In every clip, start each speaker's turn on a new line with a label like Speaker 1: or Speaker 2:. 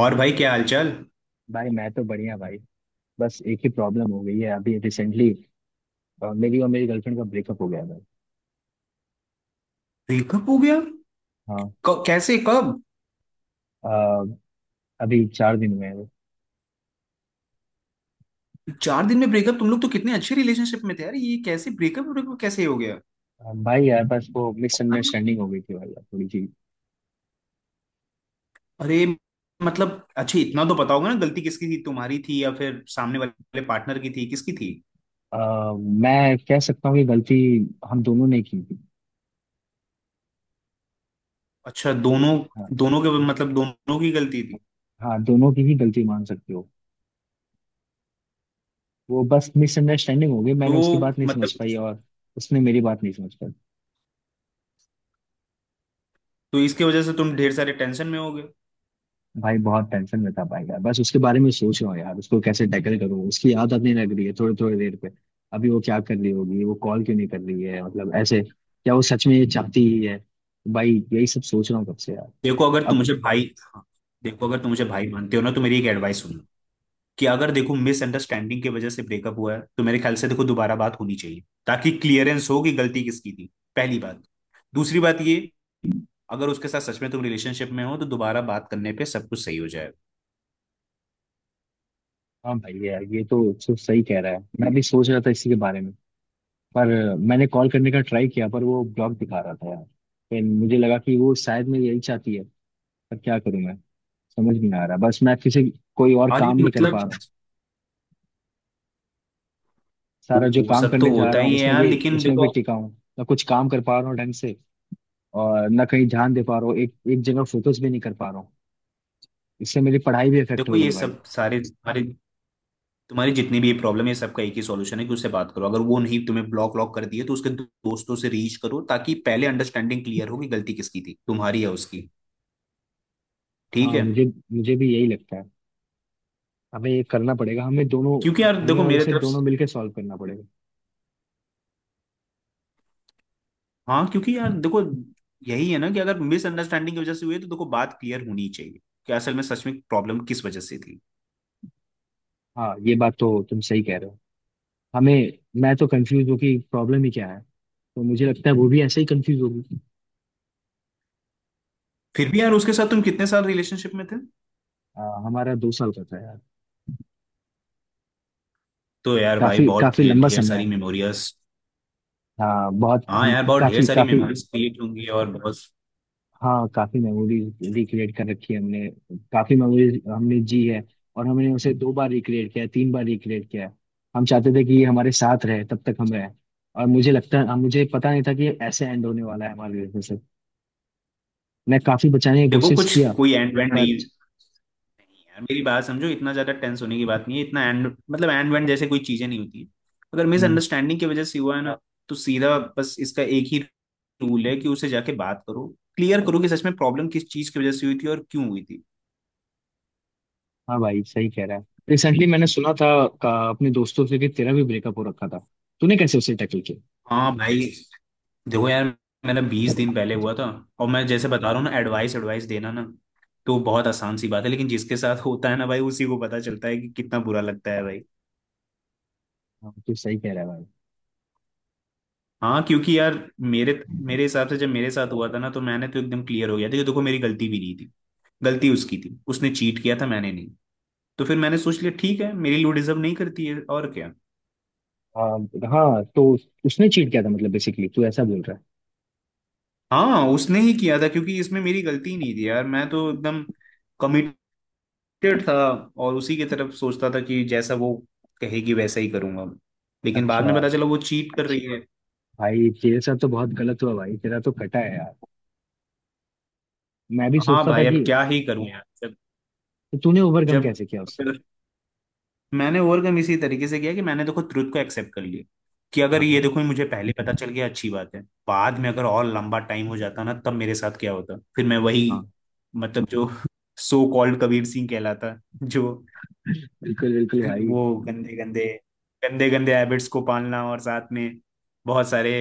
Speaker 1: और भाई क्या हालचाल।
Speaker 2: भाई मैं तो बढ़िया भाई। बस एक ही प्रॉब्लम हो गई है अभी रिसेंटली। मेरी और मेरी गर्लफ्रेंड का ब्रेकअप हो गया है भाई।
Speaker 1: ब्रेकअप हो गया?
Speaker 2: हाँ।
Speaker 1: कैसे, कब?
Speaker 2: अ, अभी 4 दिन हुए हैं।
Speaker 1: चार दिन में ब्रेकअप? तुम लोग तो कितने अच्छे रिलेशनशिप में थे यार, ये कैसे ब्रेकअप ब्रेकअप कैसे हो गया?
Speaker 2: भाई यार बस वो मिसअंडरस्टैंडिंग हो गई थी भाई यार थोड़ी सी।
Speaker 1: अरे, मतलब अच्छा, इतना तो पता होगा ना गलती किसकी थी, तुम्हारी थी या फिर सामने वाले पार्टनर की थी, किसकी थी?
Speaker 2: अ, मैं कह सकता हूँ कि गलती हम दोनों ने की थी।
Speaker 1: अच्छा, दोनों?
Speaker 2: हाँ।
Speaker 1: दोनों के मतलब दोनों की गलती थी?
Speaker 2: हाँ, दोनों की ही गलती मान सकते हो। वो बस मिसअंडरस्टैंडिंग हो गई,
Speaker 1: तो
Speaker 2: मैंने उसकी बात नहीं समझ
Speaker 1: मतलब
Speaker 2: पाई और उसने मेरी बात नहीं समझ पाई।
Speaker 1: इसके वजह से तुम ढेर सारे टेंशन में हो गए?
Speaker 2: भाई बहुत टेंशन में था भाई यार, बस उसके बारे में सोच रहा हूँ यार, उसको कैसे टैकल करूँ, उसकी आदत नहीं लग रही है थोड़ी थोड़ी देर पे। अभी वो क्या कर रही होगी, वो कॉल क्यों नहीं कर रही है, मतलब ऐसे क्या वो सच में ये चाहती ही है। भाई यही सब सोच रहा हूँ कब से यार।
Speaker 1: देखो, अगर तुम
Speaker 2: अब।
Speaker 1: मुझे भाई, हाँ, देखो अगर तुम मुझे भाई मानते हो ना, तो मेरी एक एडवाइस सुनना कि अगर देखो मिसअंडरस्टैंडिंग की वजह से ब्रेकअप हुआ है, तो मेरे ख्याल से देखो दोबारा बात होनी चाहिए ताकि क्लियरेंस हो कि गलती किसकी थी। पहली बात। दूसरी बात ये, अगर उसके साथ सच में तुम रिलेशनशिप में हो तो दोबारा बात करने पे सब कुछ सही हो
Speaker 2: हाँ भाई यार ये तो सब सही कह रहा है, मैं भी सोच
Speaker 1: जाएगा।
Speaker 2: रहा था इसी के बारे में। पर मैंने कॉल करने का ट्राई किया पर वो ब्लॉक दिखा रहा था यार। फिर मुझे लगा कि वो शायद मैं यही चाहती है। पर क्या करूँ मैं, समझ नहीं आ रहा। बस मैं किसी कोई और
Speaker 1: और ये
Speaker 2: काम नहीं कर
Speaker 1: मतलब
Speaker 2: पा रहा हूँ।
Speaker 1: वो
Speaker 2: सारा जो
Speaker 1: वो
Speaker 2: काम
Speaker 1: सब तो
Speaker 2: करने जा
Speaker 1: होता
Speaker 2: रहा हूँ
Speaker 1: ही है
Speaker 2: उसमें
Speaker 1: यार,
Speaker 2: भी
Speaker 1: लेकिन
Speaker 2: उसमें भी
Speaker 1: देखो।
Speaker 2: टिका हूँ। ना कुछ काम कर पा रहा हूँ ढंग से और ना कहीं ध्यान दे पा रहा हूँ, एक एक जगह फोकस भी नहीं कर पा रहा हूँ। इससे मेरी पढ़ाई भी इफेक्ट
Speaker 1: देखो,
Speaker 2: हो रही
Speaker 1: ये
Speaker 2: है भाई।
Speaker 1: सब सारे तुम्हारे तुम्हारी जितनी भी ये प्रॉब्लम है, सबका एक ही सॉल्यूशन है कि उससे बात करो। अगर वो नहीं, तुम्हें ब्लॉक व्लॉक कर दिए तो उसके दोस्तों से रीच करो, ताकि पहले अंडरस्टैंडिंग क्लियर हो कि गलती किसकी थी, तुम्हारी या उसकी। ठीक
Speaker 2: हाँ,
Speaker 1: है?
Speaker 2: मुझे मुझे भी यही लगता है। हमें ये करना पड़ेगा, हमें दोनों।
Speaker 1: क्योंकि यार
Speaker 2: हमें
Speaker 1: देखो
Speaker 2: और
Speaker 1: मेरे
Speaker 2: इसे
Speaker 1: तरफ से,
Speaker 2: दोनों मिलकर सॉल्व करना पड़ेगा।
Speaker 1: हाँ क्योंकि यार देखो, यही है ना कि अगर मिसअंडरस्टैंडिंग की वजह से हुई है, तो देखो बात क्लियर होनी चाहिए कि असल में सच में प्रॉब्लम किस वजह से थी।
Speaker 2: हाँ ये बात तो तुम सही कह रहे हो। हमें मैं तो कंफ्यूज हूँ कि प्रॉब्लम ही क्या है, तो मुझे लगता है वो भी ऐसे ही कंफ्यूज होगी।
Speaker 1: फिर भी यार, उसके साथ तुम कितने साल रिलेशनशिप में थे?
Speaker 2: हमारा 2 साल का था यार।
Speaker 1: तो यार भाई
Speaker 2: काफी
Speaker 1: बहुत
Speaker 2: काफी
Speaker 1: ढेर
Speaker 2: लंबा
Speaker 1: ढेर
Speaker 2: समय है।
Speaker 1: सारी मेमोरियस।
Speaker 2: हाँ बहुत
Speaker 1: हाँ
Speaker 2: हम।
Speaker 1: यार, बहुत ढेर
Speaker 2: काफी
Speaker 1: सारी
Speaker 2: काफी।
Speaker 1: मेमोरीज क्रिएट होंगी और बहुत।
Speaker 2: हाँ काफी मेमोरीज रिक्रिएट कर रखी है हमने। काफी मेमोरीज हमने जी है। और हमने उसे 2 बार रिक्रिएट किया है, 3 बार रिक्रिएट किया है। हम चाहते थे कि ये हमारे साथ रहे तब तक हम रहे। और मुझे लगता है मुझे पता नहीं था कि ये ऐसे एंड होने वाला है हमारे रिलेशनशिप। मैं काफी बचाने की
Speaker 1: देखो,
Speaker 2: कोशिश
Speaker 1: कुछ
Speaker 2: किया।
Speaker 1: कोई एंड वेंड
Speaker 2: पर।
Speaker 1: नहीं। यार मेरी बात समझो, इतना ज्यादा टेंस होने की बात नहीं है, इतना एंड मतलब एंड वेंड जैसे कोई चीजें नहीं होती है। अगर
Speaker 2: हम्म।
Speaker 1: मिसअंडरस्टैंडिंग की वजह से हुआ है ना, हाँ तो सीधा बस इसका एक ही रूल है कि उसे जाके बात करो। क्लियर करो कि सच में प्रॉब्लम किस चीज की वजह से हुई थी और क्यों हुई थी।
Speaker 2: हाँ भाई सही कह रहा है। रिसेंटली मैंने सुना था अपने दोस्तों से कि तेरा भी ब्रेकअप हो रखा था, तूने कैसे उसे टैकल किया।
Speaker 1: हाँ भाई, देखो यार, मेरा 20 दिन पहले हुआ था। और मैं जैसे बता रहा हूँ ना, एडवाइस एडवाइस देना ना तो बहुत आसान सी बात है, लेकिन जिसके साथ होता है ना भाई, उसी को पता चलता है कि कितना बुरा लगता है भाई।
Speaker 2: हाँ तू सही कह रहा है भाई।
Speaker 1: हाँ क्योंकि यार मेरे मेरे हिसाब से जब मेरे साथ हुआ था ना, तो मैंने तो एकदम क्लियर हो गया था कि देखो मेरी गलती भी नहीं थी। गलती उसकी थी, उसने चीट किया था, मैंने नहीं। तो फिर मैंने सोच लिया, ठीक है मेरी लू डिजर्व नहीं करती है, और क्या।
Speaker 2: हाँ, हाँ, तो उसने चीट किया था मतलब बेसिकली तू ऐसा बोल रहा है।
Speaker 1: हाँ उसने ही किया था, क्योंकि इसमें मेरी गलती नहीं थी यार, मैं तो एकदम कमिटेड था। और उसी की तरफ सोचता था कि जैसा वो कहेगी वैसा ही करूंगा। लेकिन बाद
Speaker 2: अच्छा।
Speaker 1: में पता चला वो चीट कर रही, अच्छा
Speaker 2: भाई तेरे साथ तो बहुत गलत हुआ भाई, तेरा तो कटा है यार। मैं भी
Speaker 1: है। हाँ
Speaker 2: सोचता था
Speaker 1: भाई
Speaker 2: कि।
Speaker 1: अब क्या ही करूं यार।
Speaker 2: तो तूने ओवरकम
Speaker 1: जब
Speaker 2: कैसे किया उससे।
Speaker 1: जब मैंने ओवरकम इसी तरीके से किया कि मैंने देखो ट्रुथ को एक्सेप्ट कर लिया। कि अगर
Speaker 2: हाँ।
Speaker 1: ये
Speaker 2: हाँ,
Speaker 1: देखो मुझे पहले पता चल गया, अच्छी बात है। बाद में अगर और लंबा टाइम हो जाता ना, तब मेरे साथ क्या होता, फिर मैं वही
Speaker 2: हाँ,
Speaker 1: मतलब जो सो कॉल्ड कबीर सिंह कहलाता, जो
Speaker 2: बिल्कुल, बिल्कुल भाई।
Speaker 1: वो गंदे गंदे गंदे गंदे हैबिट्स को पालना, और साथ में बहुत सारे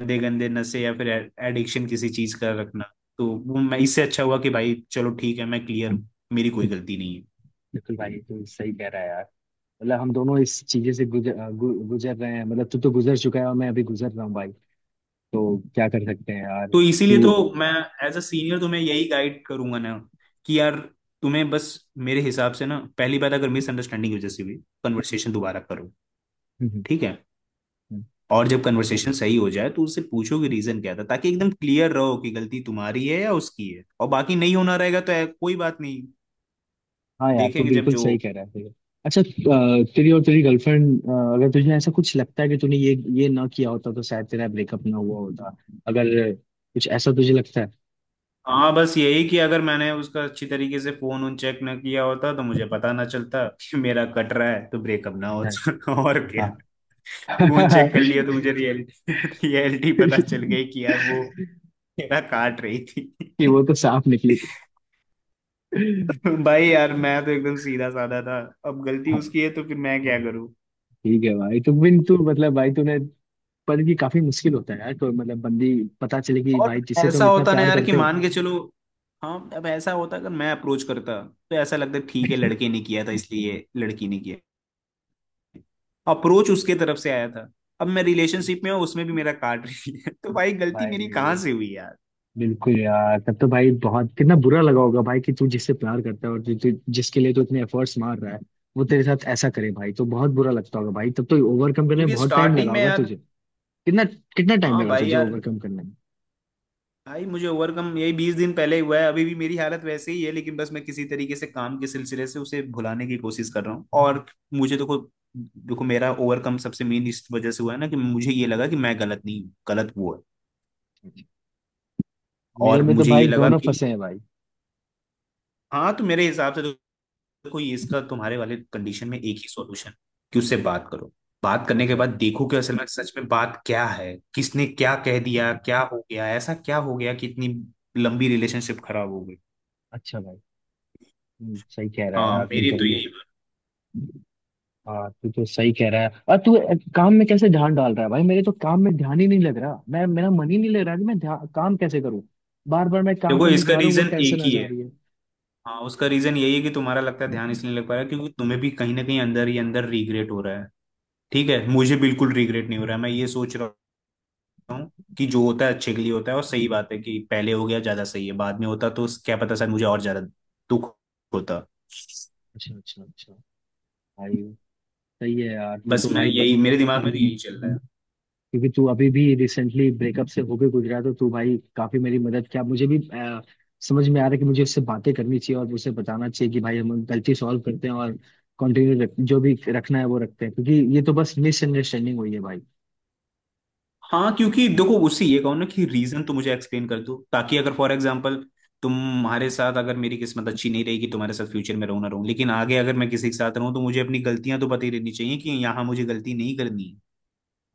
Speaker 1: गंदे गंदे नशे या फिर एडिक्शन किसी चीज का रखना, तो वो मैं इससे
Speaker 2: हाँ,
Speaker 1: अच्छा हुआ कि भाई चलो ठीक है, मैं क्लियर हूँ, मेरी कोई गलती नहीं है।
Speaker 2: बिल्कुल भाई तू सही कह रहा है यार। मतलब हम दोनों इस चीजें से गुजर गुजर रहे हैं, मतलब तू तो गुजर चुका है और मैं अभी गुजर रहा हूँ भाई। तो क्या कर सकते हैं यार
Speaker 1: तो इसीलिए
Speaker 2: तू।
Speaker 1: तो मैं एज अ सीनियर तुम्हें यही गाइड करूंगा ना कि यार तुम्हें बस मेरे हिसाब से ना, पहली बात अगर मिसअंडरस्टैंडिंग की वजह से भी, कन्वर्सेशन
Speaker 2: हम्म।
Speaker 1: दोबारा करो।
Speaker 2: हम्म।
Speaker 1: ठीक है।
Speaker 2: हम्म।
Speaker 1: और जब कन्वर्सेशन सही हो जाए तो उससे पूछो कि रीजन क्या था, ताकि एकदम क्लियर रहो कि गलती तुम्हारी है या उसकी है। और बाकी नहीं होना रहेगा तो कोई बात नहीं,
Speaker 2: हाँ यार तू
Speaker 1: देखेंगे जब
Speaker 2: बिल्कुल
Speaker 1: जो।
Speaker 2: सही कह रहा है तेरे। अच्छा। तेरी और तेरी गर्लफ्रेंड अगर तुझे ऐसा कुछ लगता है कि तूने ये ना किया होता तो शायद तेरा ब्रेकअप ना हुआ होता, अगर कुछ ऐसा तुझे लगता है।
Speaker 1: हाँ बस यही कि अगर मैंने उसका अच्छी तरीके से फोन उन चेक ना किया होता तो मुझे पता ना चलता कि मेरा कट रहा है, तो ब्रेकअप ना होता और क्या।
Speaker 2: हाँ।
Speaker 1: फोन चेक कर लिया तो मुझे रियलिटी पता चल गई कि यार वो मेरा काट रही
Speaker 2: कि वो
Speaker 1: थी।
Speaker 2: तो साफ निकली थी।
Speaker 1: भाई यार मैं तो एकदम सीधा साधा था, अब गलती
Speaker 2: हाँ,
Speaker 1: उसकी है तो फिर मैं क्या करूं।
Speaker 2: ठीक है भाई। तो बिन तू मतलब भाई तूने। पर ये काफी मुश्किल होता है यार। तो मतलब बंदी पता चले कि
Speaker 1: और
Speaker 2: भाई जिसे तुम
Speaker 1: ऐसा
Speaker 2: इतना
Speaker 1: होता ना
Speaker 2: प्यार
Speaker 1: यार कि
Speaker 2: करते हो।
Speaker 1: मान के चलो, हाँ अब ऐसा होता अगर मैं अप्रोच करता तो ऐसा लगता ठीक है, लड़के ने किया था इसलिए लड़की ने किया। अप्रोच उसके तरफ से आया था, अब मैं रिलेशनशिप में हूँ, उसमें भी मेरा काट रही है, तो भाई गलती मेरी कहाँ
Speaker 2: भाई
Speaker 1: से हुई यार।
Speaker 2: बिल्कुल यार, तब तो भाई बहुत कितना बुरा लगा होगा भाई कि तू जिससे प्यार करता है और जो तू जिसके लिए तू इतने एफर्ट्स मार रहा है वो तेरे साथ ऐसा करे भाई, तो बहुत बुरा लगता होगा भाई। तब तो ओवरकम करने में
Speaker 1: क्योंकि
Speaker 2: बहुत टाइम
Speaker 1: स्टार्टिंग
Speaker 2: लगा
Speaker 1: में
Speaker 2: होगा
Speaker 1: यार,
Speaker 2: तुझे। कितना कितना टाइम
Speaker 1: हाँ
Speaker 2: लगा
Speaker 1: भाई
Speaker 2: तुझे
Speaker 1: यार,
Speaker 2: ओवरकम करने में।
Speaker 1: भाई मुझे ओवरकम यही 20 दिन पहले हुआ है, अभी भी मेरी हालत वैसे ही है, लेकिन बस मैं किसी तरीके से काम के सिलसिले से उसे भुलाने की कोशिश कर रहा हूँ। और मुझे देखो, देखो मेरा ओवरकम सबसे मेन इस वजह से हुआ है ना कि मुझे ये लगा कि मैं गलत नहीं हूँ, गलत वो है।
Speaker 2: मेरे
Speaker 1: और
Speaker 2: में तो
Speaker 1: मुझे ये
Speaker 2: भाई
Speaker 1: लगा
Speaker 2: दोनों
Speaker 1: कि,
Speaker 2: फंसे हैं भाई।
Speaker 1: हाँ तो मेरे हिसाब से तो कोई इसका तुम्हारे वाले कंडीशन में एक ही सॉल्यूशन, कि उससे बात करो। बात करने के
Speaker 2: अच्छा,
Speaker 1: बाद देखो कि असल में सच में बात क्या है, किसने क्या कह दिया, क्या हो गया, ऐसा क्या हो गया कि इतनी लंबी रिलेशनशिप खराब हो गई।
Speaker 2: अच्छा भाई। सही कह रहा है
Speaker 1: हाँ
Speaker 2: यार तू
Speaker 1: मेरी
Speaker 2: तो।
Speaker 1: तो यही बात।
Speaker 2: हाँ तू तो सही कह रहा है। और तू काम में कैसे ध्यान डाल रहा है भाई, मेरे तो काम में ध्यान ही नहीं लग रहा, मैं मेरा मन ही नहीं लग रहा कि मैं काम कैसे करूँ। बार बार मैं काम
Speaker 1: देखो
Speaker 2: करने
Speaker 1: इसका
Speaker 2: जा रहा हूँ वो
Speaker 1: रीजन एक
Speaker 2: टेंशन आ
Speaker 1: ही
Speaker 2: जा
Speaker 1: है।
Speaker 2: रही है।
Speaker 1: हाँ उसका रीजन यही है कि तुम्हारा लगता है ध्यान इसलिए नहीं लग पा रहा है क्योंकि तुम्हें भी कहीं ना कहीं अंदर ही अंदर रिग्रेट हो रहा है। ठीक है, मुझे बिल्कुल रिग्रेट नहीं हो रहा है, मैं ये सोच रहा हूँ कि जो होता है अच्छे के लिए होता है। और सही बात है कि पहले हो गया ज्यादा सही है, बाद में होता तो क्या पता शायद मुझे और ज्यादा दुख होता।
Speaker 2: अच्छा, अच्छा, अच्छा भाई। सही है यार तू
Speaker 1: बस
Speaker 2: तो
Speaker 1: मैं
Speaker 2: भाई।
Speaker 1: यही, मेरे दिमाग में तो यही चल रहा है।
Speaker 2: क्योंकि तू अभी भी रिसेंटली ब्रेकअप से होके गुजरा तो तू भाई काफी मेरी मदद किया। मुझे भी समझ में आ रहा है कि मुझे उससे बातें करनी चाहिए और उसे बताना चाहिए कि भाई हम गलती सॉल्व करते हैं और कंटिन्यू जो भी रखना है वो रखते हैं क्योंकि ये तो बस मिसअंडरस्टैंडिंग हुई है भाई।
Speaker 1: हाँ क्योंकि देखो उससे ये कहो ना कि रीजन तो मुझे एक्सप्लेन कर दो, ताकि अगर फॉर एग्जाम्पल तुम्हारे साथ अगर मेरी किस्मत अच्छी नहीं रहेगी, तुम्हारे साथ फ्यूचर में रहूं ना रहूं, लेकिन आगे अगर मैं किसी के साथ रहूं तो मुझे अपनी गलतियां तो पता ही रहनी चाहिए कि यहाँ मुझे गलती नहीं करनी है।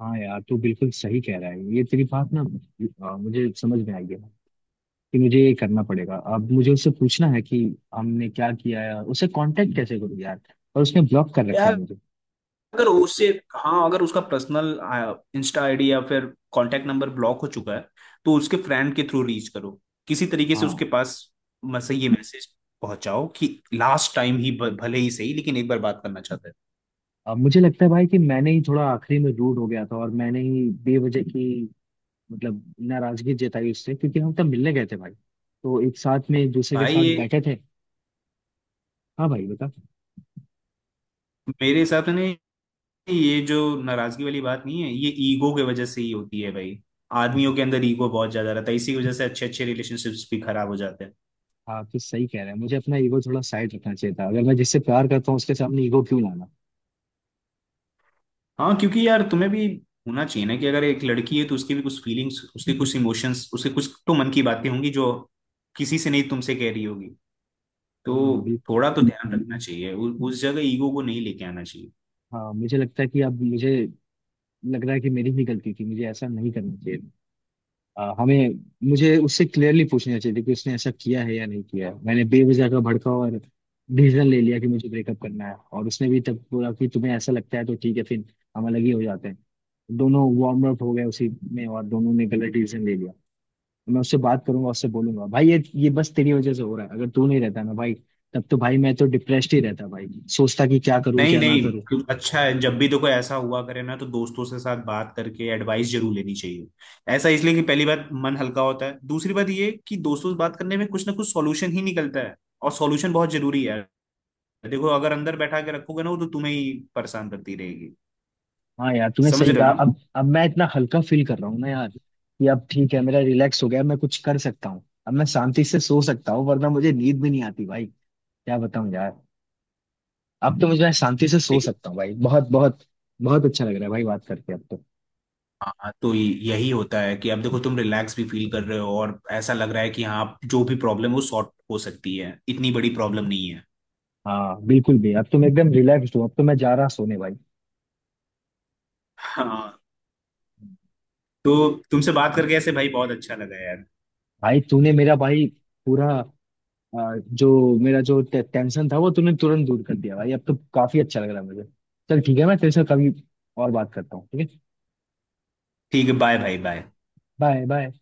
Speaker 2: हाँ यार तू बिल्कुल सही कह रहा है ये तेरी बात ना, मुझे समझ में आई है कि मुझे ये करना पड़ेगा। अब मुझे उससे पूछना है कि हमने क्या किया है और उसे कांटेक्ट कैसे करूँ यार, और उसने ब्लॉक कर रखा
Speaker 1: यार
Speaker 2: है मुझे।
Speaker 1: अगर उससे, हाँ अगर उसका पर्सनल इंस्टा आईडी या फिर कांटेक्ट नंबर ब्लॉक हो चुका है, तो उसके फ्रेंड के थ्रू रीच करो, किसी तरीके से उसके
Speaker 2: हाँ।
Speaker 1: पास मैसेज, ये मैसेज पहुंचाओ कि लास्ट टाइम ही भले ही सही, लेकिन एक बार बात करना चाहता है।
Speaker 2: अब मुझे लगता है भाई कि मैंने ही थोड़ा आखिरी में रूड हो गया था और मैंने ही बेवजह की मतलब नाराजगी जताई उससे, क्योंकि हम तब मिलने गए थे भाई, तो एक साथ में एक दूसरे के
Speaker 1: भाई
Speaker 2: साथ
Speaker 1: ये
Speaker 2: बैठे थे। हाँ भाई बता।
Speaker 1: मेरे हिसाब से ना, ये जो नाराजगी वाली बात नहीं है, ये ईगो की वजह से ही होती है भाई। आदमियों के अंदर ईगो बहुत ज्यादा रहता है, इसी की वजह से अच्छे अच्छे रिलेशनशिप्स भी खराब हो जाते हैं।
Speaker 2: हाँ तो सही कह रहे हैं, मुझे अपना ईगो थोड़ा साइड रखना चाहिए था, अगर मैं जिससे प्यार करता हूँ उसके सामने ईगो क्यों लाना।
Speaker 1: हाँ क्योंकि यार तुम्हें भी होना चाहिए ना कि अगर एक लड़की है, तो उसकी भी कुछ फीलिंग्स, उसके कुछ इमोशंस, उसके कुछ तो मन की बातें होंगी जो किसी से नहीं तुमसे कह रही होगी। तो
Speaker 2: हाँ बिल्कुल।
Speaker 1: थोड़ा तो ध्यान रखना चाहिए, उस जगह ईगो को नहीं लेके आना चाहिए।
Speaker 2: हाँ मुझे लगता है कि अब मुझे लग रहा है कि मेरी ही गलती थी, मुझे ऐसा नहीं करना चाहिए था। हमें मुझे उससे क्लियरली पूछना चाहिए कि उसने ऐसा किया है या नहीं किया है, मैंने बेवजह का भड़का और डिसीजन ले लिया कि मुझे ब्रेकअप करना है और उसने भी तब बोला कि तुम्हें ऐसा लगता है तो ठीक है, फिर हम अलग ही हो जाते हैं। दोनों वार्म अप हो गए उसी में और दोनों ने गलत डिसीजन ले लिया। मैं उससे बात करूंगा उससे बोलूंगा भाई ये बस तेरी वजह से हो रहा है, अगर तू नहीं रहता ना भाई तब तो भाई मैं तो डिप्रेस्ड ही रहता भाई, सोचता कि क्या करूं
Speaker 1: नहीं
Speaker 2: क्या ना
Speaker 1: नहीं,
Speaker 2: करूं।
Speaker 1: तो अच्छा है जब भी तो कोई ऐसा हुआ करे ना, तो दोस्तों से साथ बात करके एडवाइस जरूर लेनी चाहिए। ऐसा इसलिए कि पहली बात मन हल्का होता है, दूसरी बात ये कि दोस्तों से बात करने में कुछ ना कुछ सॉल्यूशन ही निकलता है। और सॉल्यूशन बहुत जरूरी है। देखो अगर अंदर बैठा के रखोगे ना, वो तो तुम्हें ही परेशान करती रहेगी।
Speaker 2: हाँ यार तूने
Speaker 1: समझ
Speaker 2: सही
Speaker 1: रहे
Speaker 2: कहा।
Speaker 1: हो ना।
Speaker 2: अब मैं इतना हल्का फील कर रहा हूँ ना यार कि अब ठीक है, मेरा रिलैक्स हो गया, मैं कुछ कर सकता हूँ, अब मैं शांति से सो सकता हूँ वरना मुझे नींद भी नहीं आती भाई। क्या बताऊँ यार। अब तो मुझे मैं शांति से सो
Speaker 1: लेकिन
Speaker 2: सकता हूँ भाई। बहुत बहुत बहुत अच्छा लग रहा है भाई बात करके अब तो।
Speaker 1: हाँ तो यही होता है कि अब देखो तुम रिलैक्स भी फील कर रहे हो, और ऐसा लग रहा है कि हाँ जो भी प्रॉब्लम हो सॉर्ट हो सकती है, इतनी बड़ी प्रॉब्लम नहीं है।
Speaker 2: हाँ बिल्कुल भी अब तो मैं एकदम रिलैक्स हूँ, अब तो मैं जा रहा सोने भाई।
Speaker 1: हाँ तो तुमसे बात करके ऐसे भाई बहुत अच्छा लगा यार।
Speaker 2: भाई तूने मेरा भाई पूरा जो मेरा जो टेंशन था वो तूने तुरंत दूर कर दिया भाई, अब तो काफी अच्छा लग रहा है मुझे। चल ठीक है, मैं तेरे से कभी और बात करता हूँ ठीक है।
Speaker 1: ठीक है, बाय भाई, बाय।
Speaker 2: Bye bye.